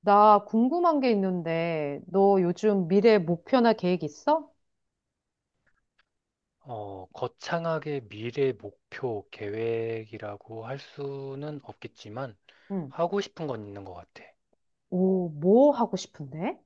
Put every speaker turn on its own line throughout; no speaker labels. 나 궁금한 게 있는데, 너 요즘 미래 목표나 계획 있어?
어, 거창하게 미래 목표 계획이라고 할 수는 없겠지만
응.
하고 싶은 건 있는 것 같아.
오, 뭐 하고 싶은데?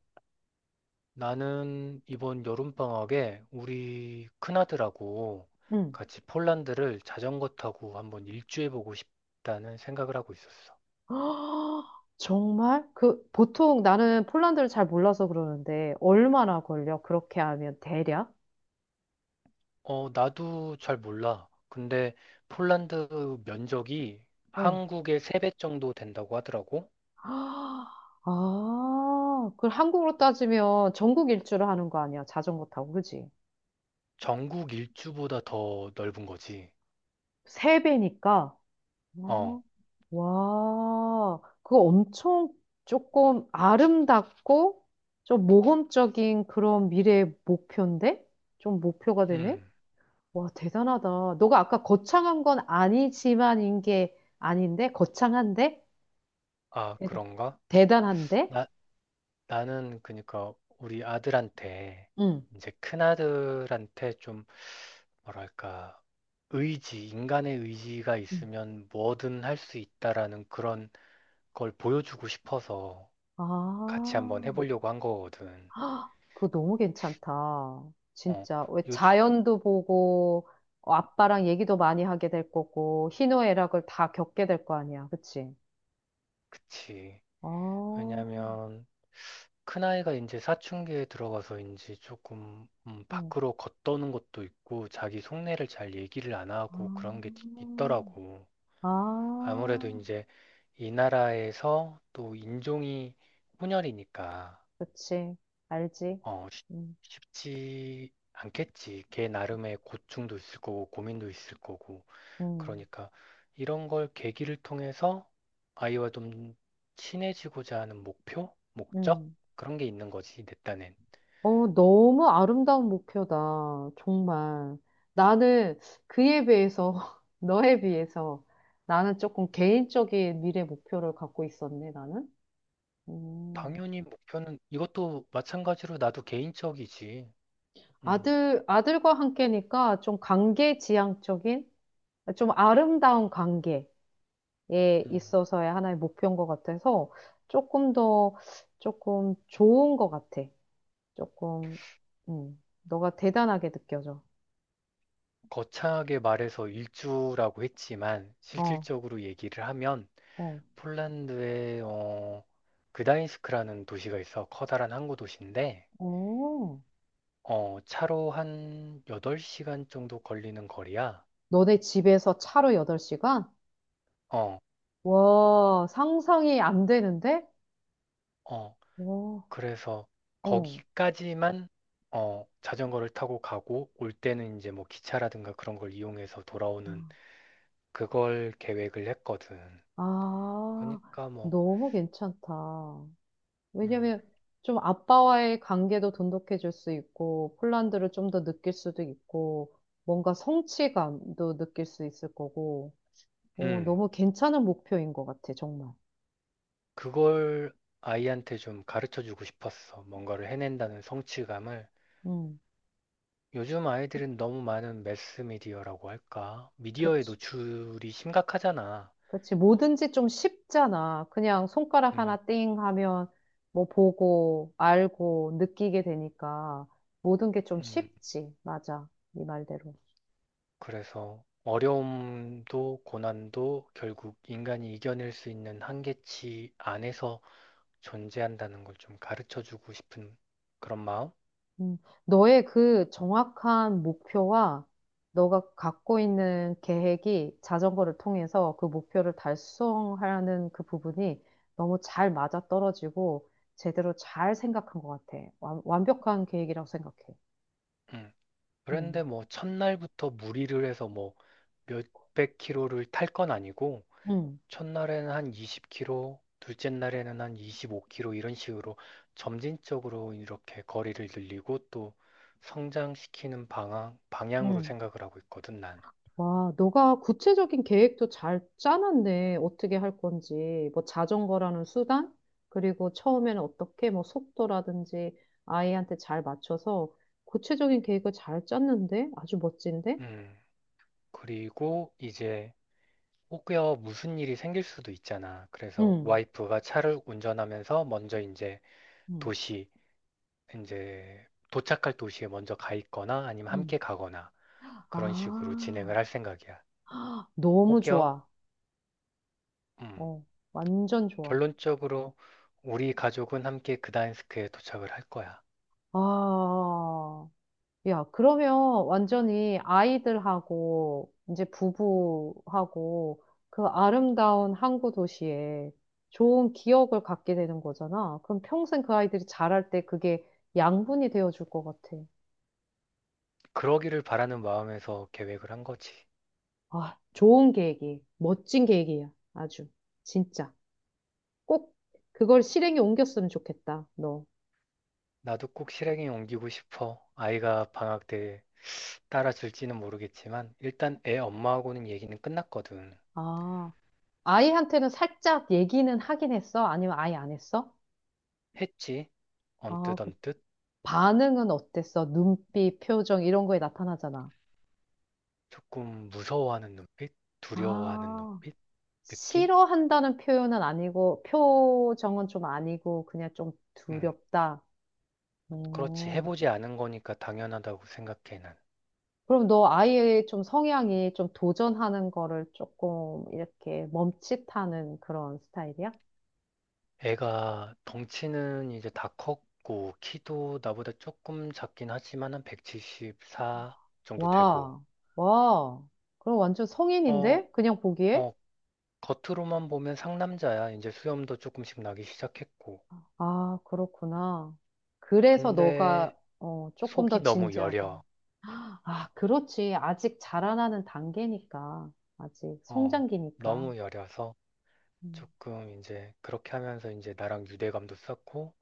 나는 이번 여름방학에 우리 큰아들하고
응.
같이 폴란드를 자전거 타고 한번 일주해보고 싶다는 생각을 하고 있었어.
정말? 그, 보통 나는 폴란드를 잘 몰라서 그러는데, 얼마나 걸려? 그렇게 하면 대략?
어, 나도 잘 몰라. 근데 폴란드 면적이
어.
한국의 3배 정도 된다고 하더라고.
아, 그 한국으로 따지면 전국 일주를 하는 거 아니야? 자전거 타고, 그지?
전국 일주보다 더 넓은 거지.
세 배니까.
어,
와, 그거 엄청 조금 아름답고 좀 모험적인 그런 미래의 목표인데? 좀 목표가 되네?
음.
와, 대단하다. 너가 아까 거창한 건 아니지만인 게 아닌데? 거창한데?
아,
대단,
그런가?
대단한데?
나, 나는 그러니까 우리 아들한테
응.
이제 큰아들한테 좀 뭐랄까 의지, 인간의 의지가
응.
있으면 뭐든 할 수 있다라는 그런 걸 보여주고 싶어서
아,
같이 한번 해보려고 한 거거든.
헉, 그거 너무 괜찮다.
어,
진짜. 왜
요즘,
자연도 보고, 어, 아빠랑 얘기도 많이 하게 될 거고, 희노애락을 다 겪게 될 거 아니야. 그치?
그치.
아, 어,
왜냐면 큰아이가 이제 사춘기에 들어가서인지 조금 밖으로 걷도는 것도 있고 자기 속내를 잘 얘기를 안
아,
하고 그런 게 있더라고.
아,
아무래도 이제 이 나라에서 또 인종이 혼혈이니까
그치. 알지.
어, 쉽-
음,
쉽지 않겠지. 걔 나름의 고충도 있을 거고 고민도 있을 거고.
음,
그러니까 이런 걸 계기를 통해서 아이와 좀 친해지고자 하는 목표, 목적
음.
그런 게 있는 거지, 내 딴엔.
어, 너무 아름다운 목표다. 정말. 나는 그에 비해서, 너에 비해서, 나는 조금 개인적인 미래 목표를 갖고 있었네, 나는. 음.
당연히 목표는 이것도 마찬가지로 나도 개인적이지. 음,
아들과 함께니까 좀 관계 지향적인, 좀 아름다운 관계. 에
음.
있어서의 하나의 목표인 것 같아서 조금 더 조금 좋은 것 같아. 조금 너가 대단하게 느껴져.
거창하게 말해서 일주라고 했지만
어,
실질적으로 얘기를 하면
어,
폴란드의 그다인스크라는 도시가 있어 커다란 항구 도시인데
어.
차로 한 8시간 정도 걸리는 거리야.
너네 집에서 차로 8시간?
어,
와, 상상이 안 되는데?
어,
와,
그래서
어.
거기까지만 자전거를 타고 가고 올 때는 이제 뭐 기차라든가 그런 걸 이용해서 돌아오는 그걸 계획을 했거든.
아,
그러니까 뭐
너무 괜찮다.
음,
왜냐면 좀 아빠와의 관계도 돈독해질 수 있고, 폴란드를 좀 더 느낄 수도 있고, 뭔가 성취감도 느낄 수 있을 거고, 어,
음.
너무 괜찮은 목표인 것 같아, 정말.
그걸 아이한테 좀 가르쳐 주고 싶었어. 뭔가를 해낸다는 성취감을.
음,
요즘 아이들은 너무 많은 매스미디어라고 할까? 미디어에
그치.
노출이 심각하잖아.
그치. 뭐든지 좀 쉽잖아. 그냥 손가락 하나
음,
띵 하면 뭐 보고, 알고, 느끼게 되니까 모든 게 좀
음,
쉽지. 맞아. 네 말대로.
그래서 어려움도 고난도 결국 인간이 이겨낼 수 있는 한계치 안에서 존재한다는 걸 좀 가르쳐 주고 싶은 그런 마음?
음, 너의 그 정확한 목표와 너가 갖고 있는 계획이 자전거를 통해서 그 목표를 달성하는 그 부분이 너무 잘 맞아떨어지고 제대로 잘 생각한 것 같아. 완벽한 계획이라고 생각해.
음.
음,
그런데 뭐 첫날부터 무리를 해서 뭐 몇백 킬로를 탈 건 아니고
음,
첫날에는 한 20km, 둘째 날에는 한 25km 이런 식으로 점진적으로 이렇게 거리를 늘리고 또 성장시키는 방향, 방향으로
음.
생각을 하고 있거든, 난.
와, 너가 구체적인 계획도 잘 짜놨네. 어떻게 할 건지. 뭐 자전거라는 수단? 그리고 처음에는 어떻게 뭐 속도라든지 아이한테 잘 맞춰서 구체적인 계획을 잘 짰는데? 아주 멋진데?
음, 그리고 이제 혹여 무슨 일이 생길 수도 있잖아. 그래서
응,
와이프가 차를 운전하면서 먼저 이제
응,
도시, 이제 도착할 도시에 먼저 가 있거나 아니면 함께
응.
가거나 그런 식으로
아,
진행을 할 생각이야.
너무
혹여,
좋아.
음,
어, 완전 좋아.
결론적으로 우리 가족은 함께 그다인스크에 도착을 할 거야.
아, 야, 그러면 완전히 아이들하고 이제 부부하고 그 아름다운 항구 도시에 좋은 기억을 갖게 되는 거잖아. 그럼 평생 그 아이들이 자랄 때 그게 양분이 되어줄 것 같아.
그러기를 바라는 마음에서 계획을 한 거지.
아, 멋진 계획이야. 아주. 진짜. 꼭 그걸 실행에 옮겼으면 좋겠다, 너.
나도 꼭 실행에 옮기고 싶어. 아이가 방학 때 따라줄지는 모르겠지만 일단 애 엄마하고는 얘기는 끝났거든.
아, 아이한테는 살짝 얘기는 하긴 했어? 아니면 아예 안 했어?
했지.
아,
언뜻 언뜻
반응은 어땠어? 눈빛, 표정 이런 거에 나타나잖아.
조금 무서워하는 눈빛, 두려워하는
아,
눈빛, 느낌?
싫어한다는 표현은 아니고 표정은 좀 아니고 그냥 좀
음,
두렵다.
그렇지.
오.
해보지 않은 거니까 당연하다고 생각해 난.
그럼 너 아이의 좀 성향이 좀 도전하는 거를 조금 이렇게 멈칫하는 그런 스타일이야?
애가 덩치는 이제 다 컸고, 키도 나보다 조금 작긴 하지만 한 174 정도 되고,
와, 와. 그럼 완전
어,
성인인데? 그냥 보기에?
어, 겉으로만 보면 상남자야. 이제 수염도 조금씩 나기 시작했고.
아, 그렇구나. 그래서
근데
너가 어, 조금
속이
더
너무
진지하고.
여려.
아, 그렇지. 아직 자라나는 단계니까. 아직
어,
성장기니까.
너무 여려서
음,
조금 이제 그렇게 하면서 이제 나랑 유대감도 쌓고,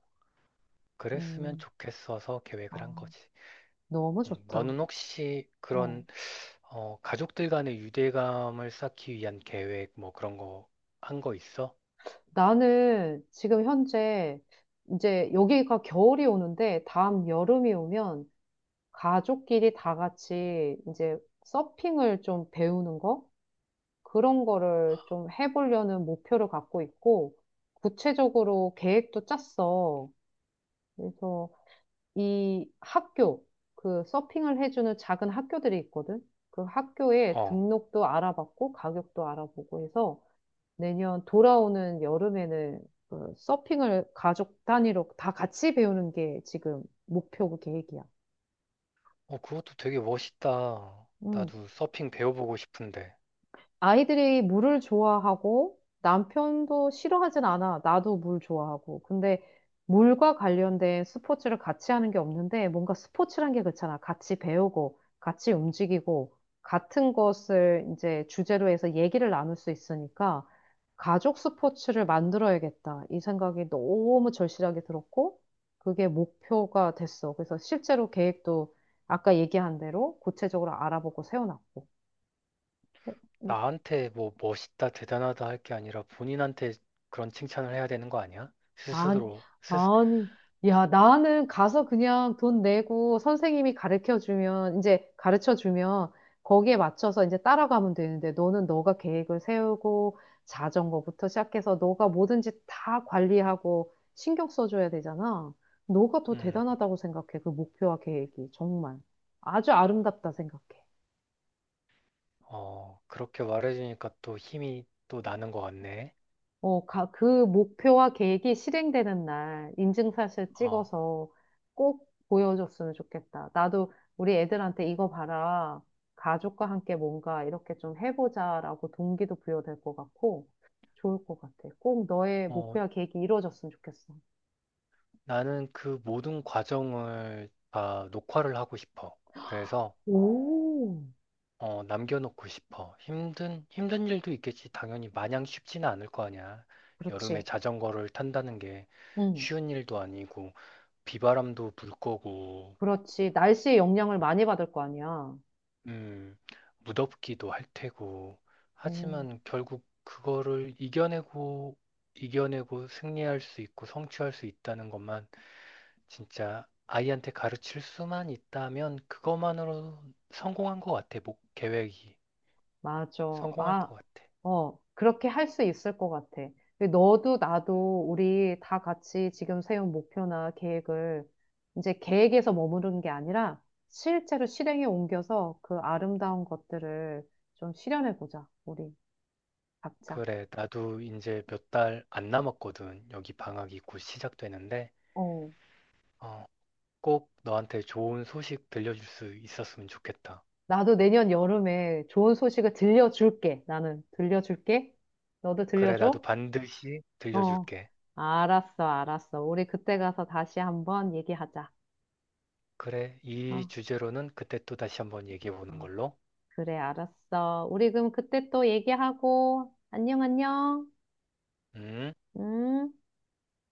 그랬으면
음,
좋겠어서 계획을 한
아,
거지.
너무 좋다.
너는 혹시
어.
그런 가족들 간의 유대감을 쌓기 위한 계획, 뭐 그런 거, 한 거 있어?
나는 지금 현재 이제 여기가 겨울이 오는데 다음 여름이 오면 가족끼리 다 같이 이제 서핑을 좀 배우는 거? 그런 거를 좀 해보려는 목표를 갖고 있고 구체적으로 계획도 짰어. 그래서 이 학교, 그 서핑을 해주는 작은 학교들이 있거든. 그 학교에
어,
등록도 알아봤고 가격도 알아보고 해서 내년 돌아오는 여름에는 그 서핑을 가족 단위로 다 같이 배우는 게 지금 목표고 계획이야.
어, 그것도 되게 멋있다.
음.
나도 서핑 배워보고 싶은데.
아이들이 물을 좋아하고 남편도 싫어하진 않아. 나도 물 좋아하고. 근데 물과 관련된 스포츠를 같이 하는 게 없는데 뭔가 스포츠란 게 그렇잖아. 같이 배우고, 같이 움직이고, 같은 것을 이제 주제로 해서 얘기를 나눌 수 있으니까 가족 스포츠를 만들어야겠다. 이 생각이 너무 절실하게 들었고, 그게 목표가 됐어. 그래서 실제로 계획도 아까 얘기한 대로 구체적으로 알아보고 세워놨고.
나한테 뭐 멋있다, 대단하다 할 게 아니라 본인한테 그런 칭찬을 해야 되는 거 아니야?
아니,
스스로.
아니, 야, 나는 가서 그냥 돈 내고 선생님이 가르쳐 주면, 이제 가르쳐 주면 거기에 맞춰서 이제 따라가면 되는데 너는 너가 계획을 세우고 자전거부터 시작해서 너가 뭐든지 다 관리하고 신경 써줘야 되잖아. 너가 더
음,
대단하다고 생각해, 그 목표와 계획이. 정말. 아주 아름답다 생각해.
어, 그렇게 말해주니까 또 힘이 또 나는 것 같네.
어, 그 목표와 계획이 실행되는 날 인증샷을
어,
찍어서 꼭 보여줬으면 좋겠다. 나도 우리 애들한테 이거 봐라. 가족과 함께 뭔가 이렇게 좀 해보자라고 동기도 부여될 것 같고 좋을 것 같아. 꼭 너의
어,
목표와 계획이 이루어졌으면 좋겠어.
나는 그 모든 과정을 다 녹화를 하고 싶어. 그래서
오.
남겨놓고 싶어. 힘든 일도 있겠지. 당연히 마냥 쉽지는 않을 거 아니야. 여름에
그렇지.
자전거를 탄다는 게
응.
쉬운 일도 아니고, 비바람도 불 거고,
그렇지. 날씨의 영향을 많이 받을 거 아니야.
음, 무덥기도 할 테고.
음.
하지만 결국 그거를 이겨내고 승리할 수 있고 성취할 수 있다는 것만 진짜 아이한테 가르칠 수만 있다면 그것만으로 성공한 것 같아. 계획이.
맞아.
성공할
아,
것 같아.
어, 그렇게 할 수 있을 것 같아. 너도 나도 우리 다 같이 지금 세운 목표나 계획을 이제 계획에서 머무르는 게 아니라 실제로 실행에 옮겨서 그 아름다운 것들을 좀 실현해 보자. 우리 각자.
그래, 나도 이제 몇 달 안 남았거든. 여기 방학이 곧 시작되는데,
어,
어, 꼭 너한테 좋은 소식 들려줄 수 있었으면 좋겠다.
나도 내년 여름에 좋은 소식을 들려줄게. 나는 들려줄게. 너도
그래, 나도
들려줘?
반드시
어,
들려줄게.
알았어. 우리 그때 가서 다시 한번 얘기하자.
그래, 이
어.
주제로는 그때 또 다시 한번 얘기해 보는
어.
걸로.
그래, 알았어. 우리 그럼 그때 또 얘기하고, 안녕.
음.
음.